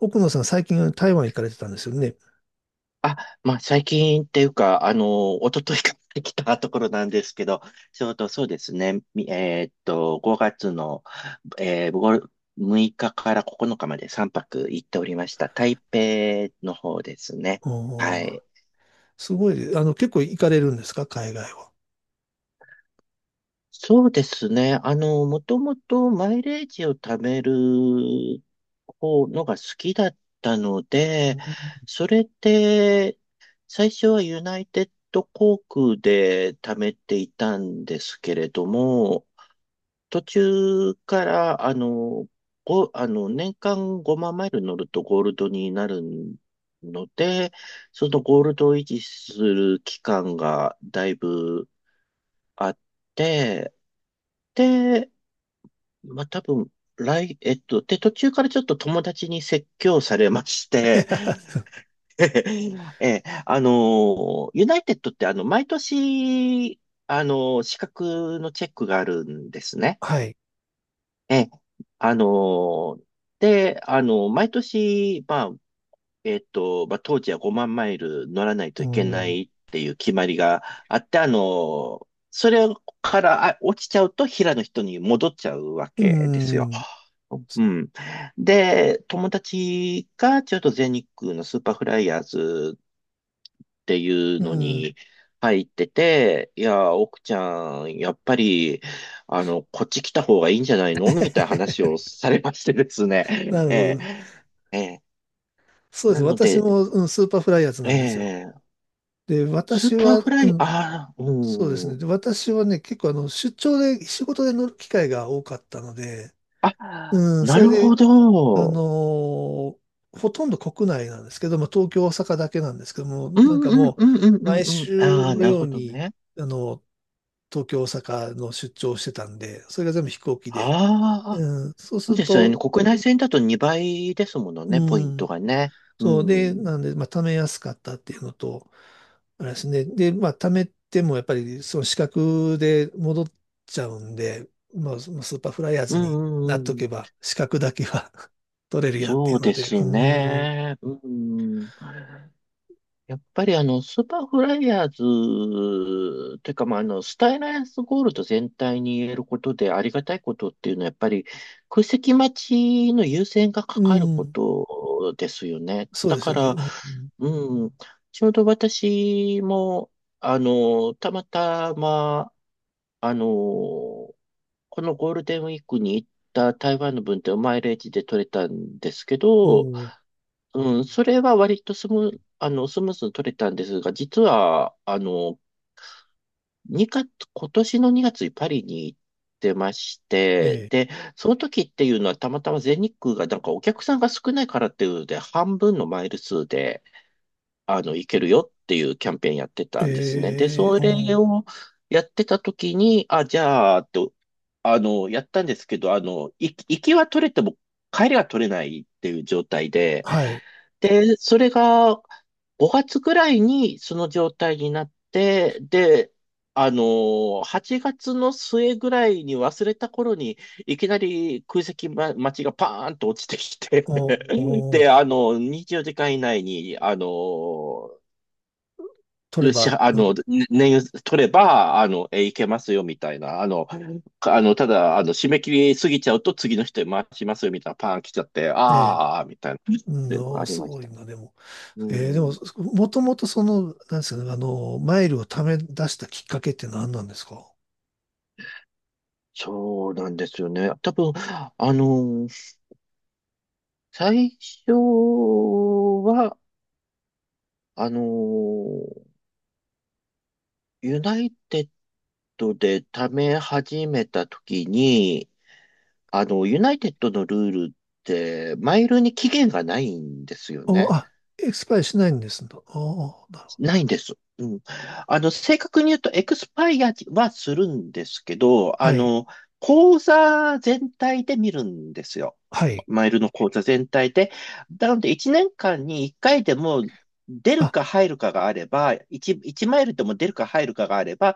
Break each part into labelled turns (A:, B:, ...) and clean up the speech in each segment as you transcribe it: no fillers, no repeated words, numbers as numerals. A: 奥野さん、最近台湾行かれてたんですよね。
B: あ、まあ、最近っていうか、一昨日から来たところなんですけど、ちょうどそうですね、みえーっと、5月の、6日から9日まで3泊行っておりました。台北の方ですね。は
A: おー、
B: い。
A: すごい、結構行かれるんですか、海外は。
B: そうですね。もともとマイレージを貯める方のが好きだったの
A: う
B: で、
A: ん。
B: それで、最初はユナイテッド航空で貯めていたんですけれども、途中から、あの、ご、あの、年間5万マイル乗るとゴールドになるので、そのゴールドを維持する期間がだいぶあって、で、まあ、多分、来、えっと、で、途中からちょっと友達に説教されまして、え、あの、ユナイテッドって毎年、資格のチェックがあるんですね。
A: はい。
B: え、あの、で、毎年、まあ、まあ、当時は5万マイル乗らない
A: う
B: といけな
A: ん。
B: いっていう決まりがあって、それから落ちちゃうと平の人に戻っちゃうわ
A: う
B: けですよ。
A: ん。
B: うん。で、友達がちょっと全日空のスーパーフライヤーズっていう
A: う
B: の
A: ん。
B: に入ってて、いや、奥ちゃん、やっぱり、こっち来た方がいいんじゃないのみたいな話を されましてです
A: な
B: ね。
A: る
B: え
A: ほ
B: え、
A: ど。
B: ええ、
A: そうです。
B: なの
A: 私
B: で、
A: も、うん、スーパーフライヤーズな
B: え
A: んですよ。
B: え、
A: で、
B: ス
A: 私
B: ーパー
A: は、
B: フラ
A: う
B: イ、
A: ん、
B: ああ、
A: そうです
B: う
A: ね。
B: ん。
A: で、私はね、結構出張で、仕事で乗る機会が多かったので、
B: あ、
A: うん、
B: な
A: それ
B: るほ
A: で、あ
B: ど。
A: のーほとんど国内なんですけど、まあ、東京、大阪だけなんですけども、
B: う
A: なんか
B: んうん
A: も
B: うんう
A: う、
B: んう
A: 毎
B: んうん。
A: 週
B: ああ、
A: の
B: なる
A: よう
B: ほど
A: に、
B: ね。
A: あの、東京、大阪の出張をしてたんで、それが全部飛行機で、
B: あ、
A: うん、そう
B: そ
A: す
B: う
A: る
B: ですよね。
A: と、
B: 国内線だと2倍ですもの
A: う
B: ね、ポイント
A: ん、
B: がね。う
A: そうで、
B: ん。
A: なんで、まあ、貯めやすかったっていうのと、あれですね。で、まあ、貯めてもやっぱりその資格で戻っちゃうんで、まあ、そのスーパーフライヤー
B: う
A: ズ
B: ん
A: にな
B: う
A: っと
B: んうん。
A: けば、資格だけは 取れるやって
B: そ
A: い
B: う
A: うの
B: で
A: で、う
B: す
A: ーん、
B: ね。うん。やっぱりスーパーフライヤーズ、てかまあ、スタイナースゴールド全体に言えることでありがたいことっていうのは、やっぱり空席待ちの優先が
A: う
B: かかる
A: ー
B: こ
A: ん、
B: とですよね。
A: そう
B: だ
A: です
B: か
A: よね。
B: ら、
A: うん、
B: うん、ちょうど私も、あの、たまたま、あのーこのゴールデンウィークに行った台湾の分ってマイレージで取れたんですけ
A: お
B: ど、
A: ー、
B: うん、それは割とスムーズに取れたんですが、実は、2月、今年の2月にパリに行ってまして、
A: え
B: で、その時っていうのはたまたま全日空がなんかお客さんが少ないからっていうので、半分のマイル数で、いけるよっていうキャンペーンやって
A: え、
B: たんですね。で、
A: ええ、
B: それ
A: おー、
B: をやってた時に、あ、じゃあ、と、あの、やったんですけど、行きは取れても帰りは取れないっていう状態で、
A: はい、
B: で、それが5月ぐらいにその状態になって、で、あの、8月の末ぐらいに忘れた頃にいきなり空席、待ちがパーンと落ちてきて
A: おー、 おー、
B: で、24時間以内に、あの、
A: 取れ
B: し
A: ば、
B: あ
A: うん、
B: の、ね年取れば、いけますよ、みたいな。あの、かあの、ただ、締め切り過ぎちゃうと次の人に回しますよ、みたいな、パーン来ちゃって、
A: ええ、
B: あー、みたいな、っ
A: うん、
B: ていうのが
A: お
B: あ
A: ー、
B: り
A: す
B: まし
A: ごい
B: たね。
A: な、でも。
B: う
A: えー、でも、
B: ん。
A: もともとその、なんですかね、マイルを貯め出したきっかけって何なんですか？
B: そうなんですよね。多分、あの、最初は、あの、ユナイテッドで貯め始めた時に、ユナイテッドのルールって、マイルに期限がないんですよ
A: お、
B: ね。
A: あ、エクスパイアしないんですと、お、なるほど。
B: ないんです。うん。正確に言うと、エクスパイアはするんですけど、
A: はい。
B: 口座全体で見るんですよ。
A: はい。
B: マイルの口座全体で。なので、1年間に1回でも出る
A: あ、
B: か入るかがあれば、1、一マイルでも出るか入るかがあれば、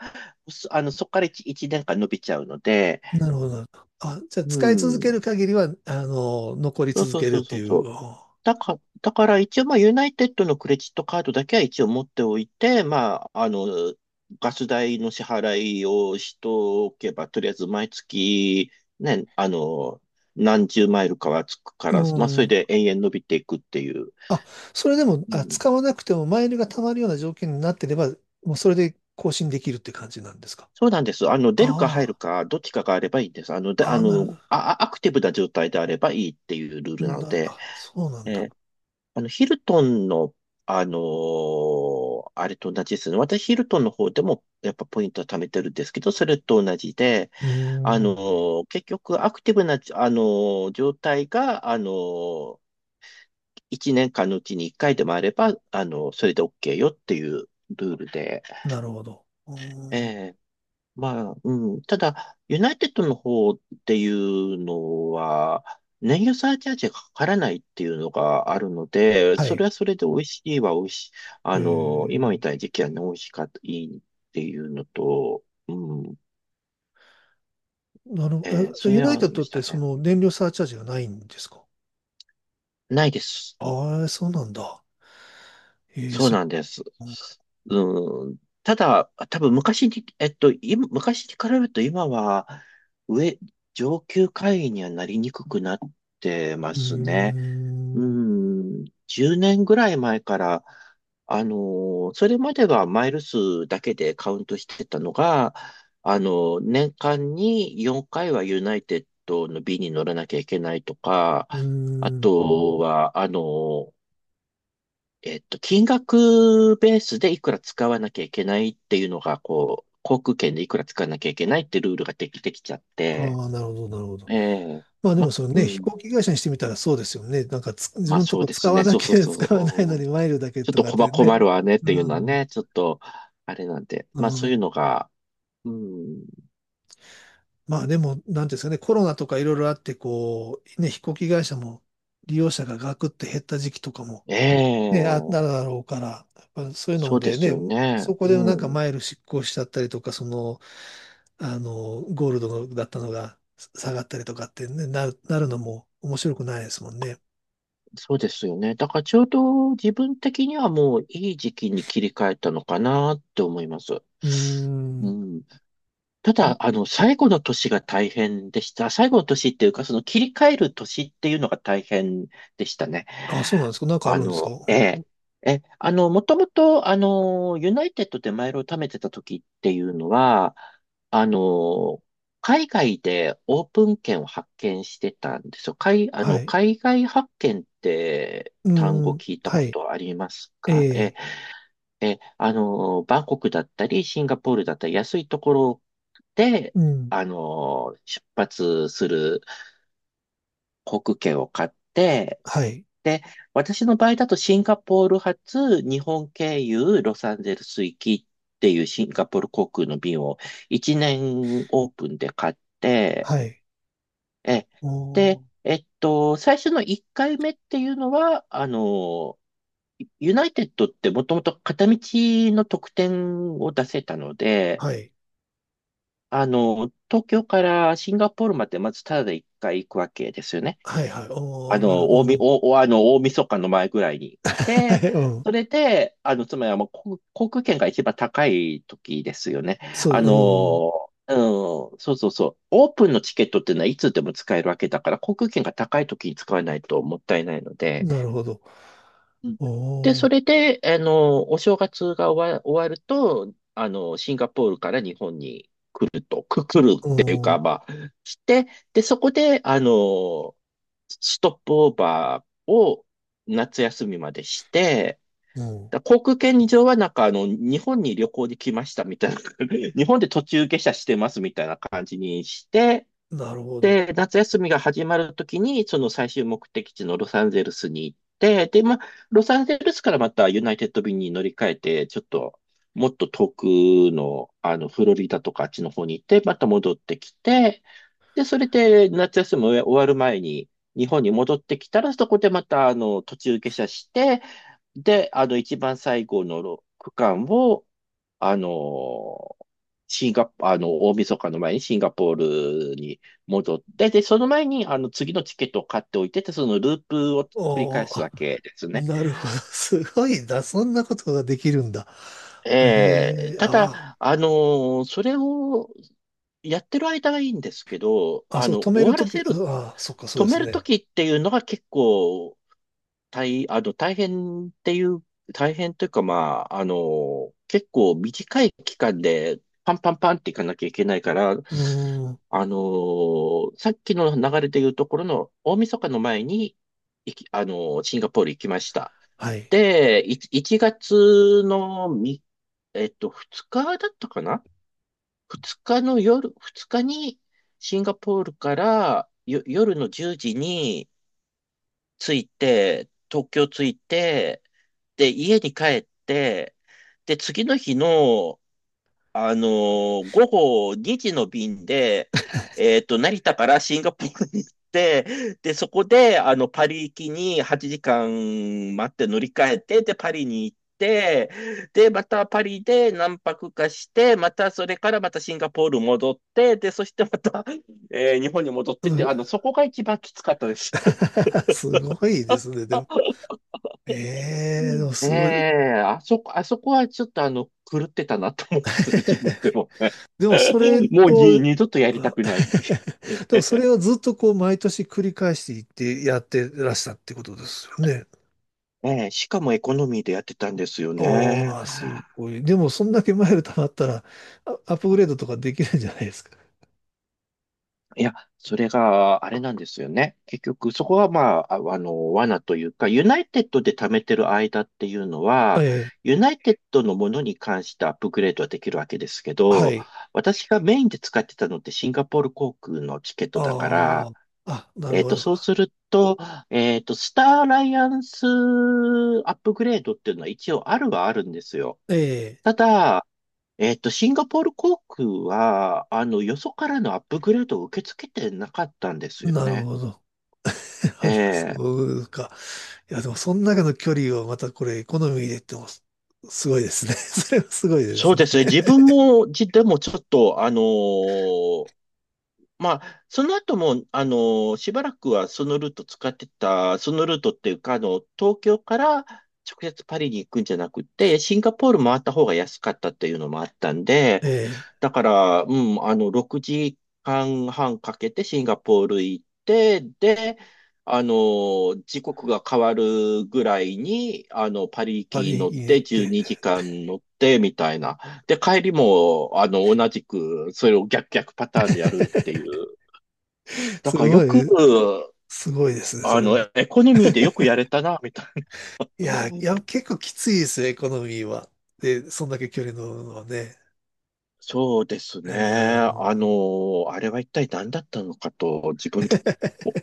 B: そあの、そこから 1, 一年間伸びちゃうので、
A: なるほど。なるほど、あ、じゃあ、
B: う
A: 使い続
B: ん。
A: ける限りは、残り
B: そう
A: 続
B: そう
A: ける
B: そ
A: っ
B: う
A: て
B: そう
A: い
B: そ
A: う。
B: う。
A: お、
B: だから一応、まあ、ユナイテッドのクレジットカードだけは一応持っておいて、まあ、ガス代の支払いをしとおけば、とりあえず毎月、ね、何十マイルかはつくか
A: う
B: ら、まあ、それ
A: ん。
B: で延々伸びていくっていう。
A: あ、それでも、
B: う
A: あ、
B: ん、
A: 使わなくてもマイルが貯まるような条件になってれば、もうそれで更新できるって感じなんですか？
B: そうなんです。出るか入る
A: あ
B: か、どっちかがあればいいんです。で、
A: あ、ああ、なるほ
B: アクティブな状態であればいいっていうルー
A: ど。
B: ルなの
A: なる、
B: で、
A: あ、そうなん
B: え
A: だ。
B: ーヒルトンの、あれと同じですね。私、ヒルトンの方でも、やっぱポイントは貯めてるんですけど、それと同じで、
A: うーん。
B: 結局、アクティブな、状態が、1年間のうちに1回でもあれば、それで OK よっていうルールで、
A: なるほど。う
B: え
A: ーん、
B: え、まあ、うん。ただ、ユナイテッドの方っていうのは、燃油サーチャージがかからないっていうのがあるので、
A: は
B: それ
A: い。
B: はそれで美味しいは美味しい。
A: え
B: 今み
A: ー、
B: たいな時期はね、美味しかった、いいっていうのと、うん。
A: なるほど。あ、じゃあ、
B: そ
A: ユ
B: れ
A: ナ
B: は
A: イ
B: あ
A: テッ
B: りま
A: ドっ
B: し
A: て
B: た
A: そ
B: ね。
A: の燃料サーチャージがないんですか？
B: ないです。
A: ああ、そうなんだ。えー、
B: そう
A: す、
B: なんです。うん。ただ、多分昔に、今昔に比べると今は、上、上級会員にはなりにくくなってま
A: うー
B: すね。う
A: ん、う
B: ん、10年ぐらい前から、それまではマイル数だけでカウントしてたのが、あの年間に4回はユナイテッドの B に乗らなきゃいけないとか、
A: ー
B: あ
A: ん。
B: とは、金額ベースでいくら使わなきゃいけないっていうのが、こう、航空券でいくら使わなきゃいけないってルールができてきちゃって、
A: ああ、なるほど、なるほど。
B: ええ、
A: まあでもそれ
B: う
A: ね、飛
B: ん、
A: 行機会社にしてみたらそうですよね。なんかつ自
B: ま
A: 分
B: あ
A: のと
B: そう
A: こ
B: です
A: 使わ
B: ね、
A: な
B: そう
A: き
B: そう
A: ゃ
B: そ
A: 使わないのに
B: う、
A: マイルだけ
B: ちょっ
A: と
B: と
A: かってね。
B: 困るわねっ
A: う
B: ていうのは
A: ん、
B: ね、ちょっと、あれなんで。
A: う
B: まあそういう
A: ん。
B: のが、うん、
A: まあでも、なんていうんですかね、コロナとかいろいろあって、こう、ね、飛行機会社も利用者がガクって減った時期とかも
B: え
A: ね、あ、
B: え、
A: なるだろうから、やっぱそういう
B: そ
A: の
B: うで
A: で
B: すよ
A: ね、
B: ね。
A: そこ
B: う
A: でなんか
B: ん、
A: マイル失効しちゃったりとか、その、ゴールドだったのが下がったりとかってね、なる、なるのも面白くないですもんね。
B: そうですよね。だからちょうど自分的にはもういい時期に切り替えたのかなって思います。
A: うー
B: う
A: ん。
B: ん、ただ、最後の年が大変でした。最後の年っていうか、その切り替える年っていうのが大変でしたね。
A: あ、そうなんですか。なんかあるんですか。
B: え
A: お、
B: え、もともと、ユナイテッドでマイルを貯めてた時っていうのは、あの、海外でオープン券を発見してたんですよ。海、あ
A: は
B: の、
A: い。
B: 海外発見って
A: うー
B: 単語
A: ん。
B: 聞いた
A: は
B: こ
A: い。
B: とあります
A: え
B: か？え
A: え。
B: え、バンコクだったり、シンガポールだったり、安いところで、
A: うん。
B: 出発する航空券を買って、
A: はい。
B: で、私の場合だとシンガポール発、日本経由、ロサンゼルス行きっていうシンガポール航空の便を1年オープンで買って、
A: はい。
B: え、
A: お
B: で、
A: ー。
B: 最初の1回目っていうのは、ユナイテッドってもともと片道の特典を出せたので、
A: はい。
B: 東京からシンガポールまでまずタダで一回行くわけですよね。
A: はい。はい。お
B: あ
A: ー。なる
B: の、
A: ほど。
B: 大
A: う
B: み、
A: ん。
B: お、おあの、大晦日の前ぐらいに。
A: は
B: で、
A: い。うん。
B: それで、つまりはもう航空券が一番高い時ですよね。
A: そう。
B: あ
A: うん。
B: の、うん、そうそうそう。オープンのチケットっていうのはいつでも使えるわけだから、航空券が高い時に使わないともったいないので。
A: なるほど。
B: うんで、
A: お
B: そ
A: ー。
B: れで、お正月が終わると、シンガポールから日本に来ると、く、来る、
A: うん。
B: して、で、そこで、ストップオーバーを夏休みまでして、
A: うん。
B: だから航空券上はなんか日本に旅行に来ましたみたいな、日本で途中下車してますみたいな感じにして、
A: なるほど。
B: で、夏休みが始まるときに、その最終目的地のロサンゼルスに行って、で、まあ、ロサンゼルスからまたユナイテッド便に乗り換えて、ちょっと、もっと遠くの、フロリダとかあっちの方に行って、また戻ってきて、で、それで夏休み終わる前に日本に戻ってきたら、そこでまた、途中下車して、で、一番最後の区間を、あの、シンガポ、あの、大晦日の前にシンガポールに戻って、で、その前に、次のチケットを買っておいてて、そのループを繰り
A: お
B: 返
A: ー、
B: す
A: あ、
B: わけですね。
A: なるほど。すごいな。そんなことができるんだ。
B: ええ、
A: ええ、
B: た
A: あ
B: だ、それをやってる間はいいんですけど、
A: ー、あ、
B: あ
A: そう、
B: の、
A: 止め
B: 終
A: る
B: わ
A: と
B: ら
A: き、あ、
B: せる、
A: あ、そっか、そう
B: 止
A: で
B: め
A: す
B: る
A: ね。
B: ときっていうのが結構大、あの、大変っていう、大変というか、まあ、結構短い期間でパンパンパンっていかなきゃいけないから、
A: うーん、
B: さっきの流れでいうところの大晦日の前に、いき、あの、シンガポール行きました。
A: はい。
B: で、1月のみ、えっと、2日だったかな ?2 日の夜、2日にシンガポールから夜の10時に着いて、東京着いて、で、家に帰って、で、次の日の、午後2時の便で、成田からシンガポールに行って、で、そこで、パリ行きに8時間待って乗り換えて、で、パリに行って、で、またパリで何泊かして、またそれからまたシンガポール戻って、で、そしてまた、日本に戻っ
A: う
B: てって、
A: ん、
B: そこが一番きつかったです。
A: すごいですね、でも。ええ、
B: う
A: でも
B: んえ
A: すごい。
B: あそこはちょっと狂ってたなと思うんですね、自分でも。
A: でもそれ
B: もう
A: を、
B: 二度とやりた
A: あ。
B: くない。
A: でも
B: え
A: それをずっとこう毎年繰り返していってやってらしたってことですよね。
B: え、しかもエコノミーでやってたんですよね。
A: ああ、すごい。でもそんだけマイル貯まったら、あ、アップグレードとかできるんじゃないですか。
B: いや、それがあれなんですよね。結局、そこはまあ、罠というか、ユナイテッドで貯めてる間っていうの
A: え
B: は、
A: え、
B: ユナイテッドのものに関してアップグレードはできるわけですけ
A: は
B: ど、
A: い。
B: 私がメインで使ってたのってシンガポール航空のチケットだか
A: あ
B: ら、
A: あ、あ、なるほど。
B: そうすると、スターアライアンスアップグレードっていうのは一応あるはあるんですよ。
A: え
B: ただ、シンガポール航空は、よそからのアップグレードを受け付けてなかったんです
A: え、
B: よ
A: なる
B: ね。
A: ほど。
B: え
A: あ、そ
B: え、
A: うか。いや、でも、その中の距離をまたこれ、エコノミーで言っても、す、すごいですね。それはすごいで
B: そ
A: す
B: う
A: ね。
B: ですね。自分も、でもちょっと、まあ、その後も、しばらくはそのルート使ってた、そのルートっていうか、東京から直接パリに行くんじゃなくて、シンガポール回った方が安かったっていうのもあったんで、
A: ええ、
B: だから、うん、6時間半かけてシンガポール行って、で、時刻が変わるぐらいに、パリ行
A: パ
B: き
A: リ
B: 乗っ
A: 行ネっ
B: て12
A: て。
B: 時間乗ってみたいな。で、帰りも、同じく、それを逆パターンでやるっていう。だ
A: す
B: からよ
A: ご
B: く、
A: い、すごいですね、それは。
B: エコノミーでよくや れたな、みたいな。
A: いや、いや、結構きついですよ、エコノミーは。で、そんだけ距離乗るのはね。
B: そうです
A: う
B: ね。
A: ーん。
B: あれは一体何だったのかと、自分で も。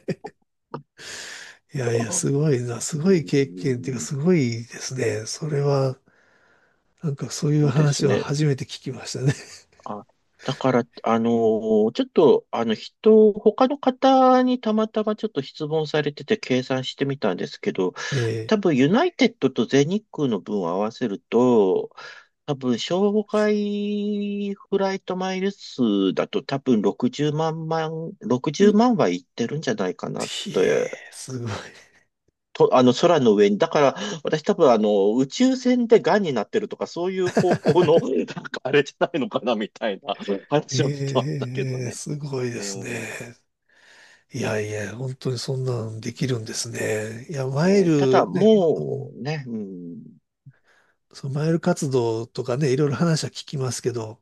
A: いやいや、すごいな、すご
B: う
A: い経験っていうか、
B: ん、
A: すごいですね。それは、なんかそういう
B: そうです
A: 話は
B: ね。
A: 初めて聞きましたね。
B: あ、だから、あの、ちょっと、あの、人、他の方にたまたまちょっと質問されてて計算してみたんですけど、
A: え、え
B: 多分ユナイテッドと全日空の分を合わせると、多分、障害フライトマイル数だと多分60万60万はいってるんじゃないかなって。
A: え、すごい。
B: と、空の上に。だから、私多分、宇宙船で癌になってるとか、そういう方向の、なんかあれじゃないのかな、みたいな話をしてまし
A: え
B: たけど
A: え、
B: ね。
A: すごいで
B: え
A: す
B: ー
A: ね。いやいや、本当にそんなんできるんですね。いや、マイ
B: ただ、
A: ル、ね、ま、う
B: も
A: ん、
B: うね、うん、
A: そのマイル活動とかね、いろいろ話は聞きますけど、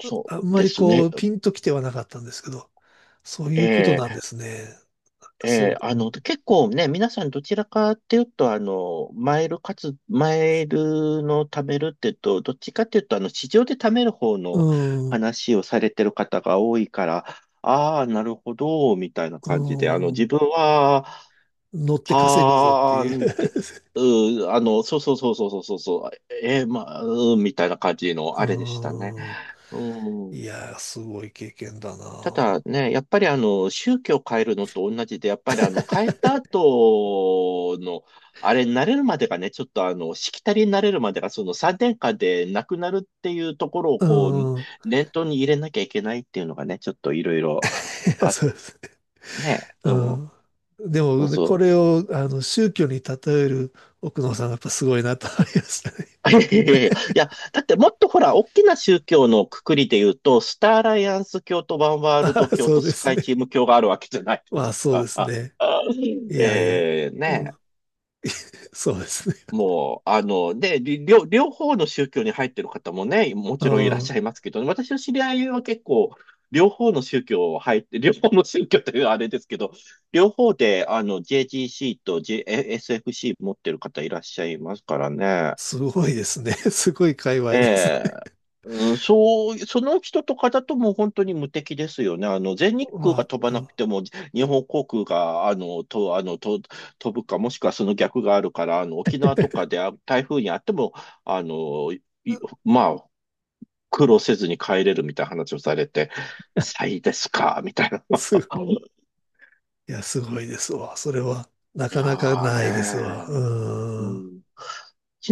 B: そ
A: あん
B: う
A: ま
B: で
A: り
B: す
A: こ
B: ね。
A: う、ピンときてはなかったんですけど、そういうこと
B: え
A: なんで
B: ー
A: すね。すごい。
B: 結構ね、皆さんどちらかっていうと、マイルの貯めるっていうと、どっちかっていうと、市場で貯める方
A: う
B: の
A: ん、う
B: 話をされてる方が多いから、ああ、なるほど、みたいな感じで、
A: ん、
B: 自分は、
A: 乗って稼ぐぞって
B: はー
A: いう。
B: んって、うー、あの、そうそうそうそうそうそう、そうまあ、うーん、みたいな感じの、あれでしたね。
A: うん、
B: うん。
A: いやー、すごい経験だ
B: た
A: な。
B: だね、やっぱり宗教を変えるのと同じで、やっぱり変えた後の、あれになれるまでがね、ちょっとしきたりになれるまでが、その3年間でなくなるっていうところをこう、
A: うん。
B: 念頭に入れなきゃいけないっていうのがね、ちょっといろいろ、
A: いや、
B: あ、
A: そうですね、
B: ね、
A: う
B: う
A: ん。でも、
B: ん、
A: ね、
B: そ
A: これ
B: う。
A: を、宗教に例える奥野さんがやっぱすごいなと思いましたね。
B: いや、だってもっとほら、大きな宗教のくくりで言うと、スターアライアンス教とワン ワール
A: あ
B: ド
A: あ、
B: 教
A: そう
B: と
A: で
B: ス
A: す
B: カイチー
A: ね。
B: ム教があるわけじゃないで
A: まあ、
B: す
A: そうで
B: か。
A: すね。いやいや。
B: えー
A: う
B: ね
A: ん、そうですね。
B: もう、あの、で、り両、両方の宗教に入ってる方もね、も
A: う
B: ちろんいらっ
A: ん。
B: しゃいますけどね、私の知り合いは結構、両方の宗教を入って、両方の宗教というあれですけど、両方で、JGC と JSFC 持ってる方いらっしゃいますからね。
A: すごいですね。すごい界隈
B: え
A: です。
B: え、うん、そう、その人とかだともう本当に無敵ですよね。全日空が
A: ま
B: 飛ば
A: あ、
B: な
A: う
B: くても、日本航空が、あの、と、あの、と、飛ぶか、もしくはその逆があるから、沖縄とかで台風にあっても、あの、いまあ、苦労せずに帰れるみたいな話をされて、最ですか、みたいな。
A: ん、すごい。いや、すごいですわ。それは、な
B: い
A: か
B: や
A: なかないですわ。
B: ーねー、
A: うん。
B: うん。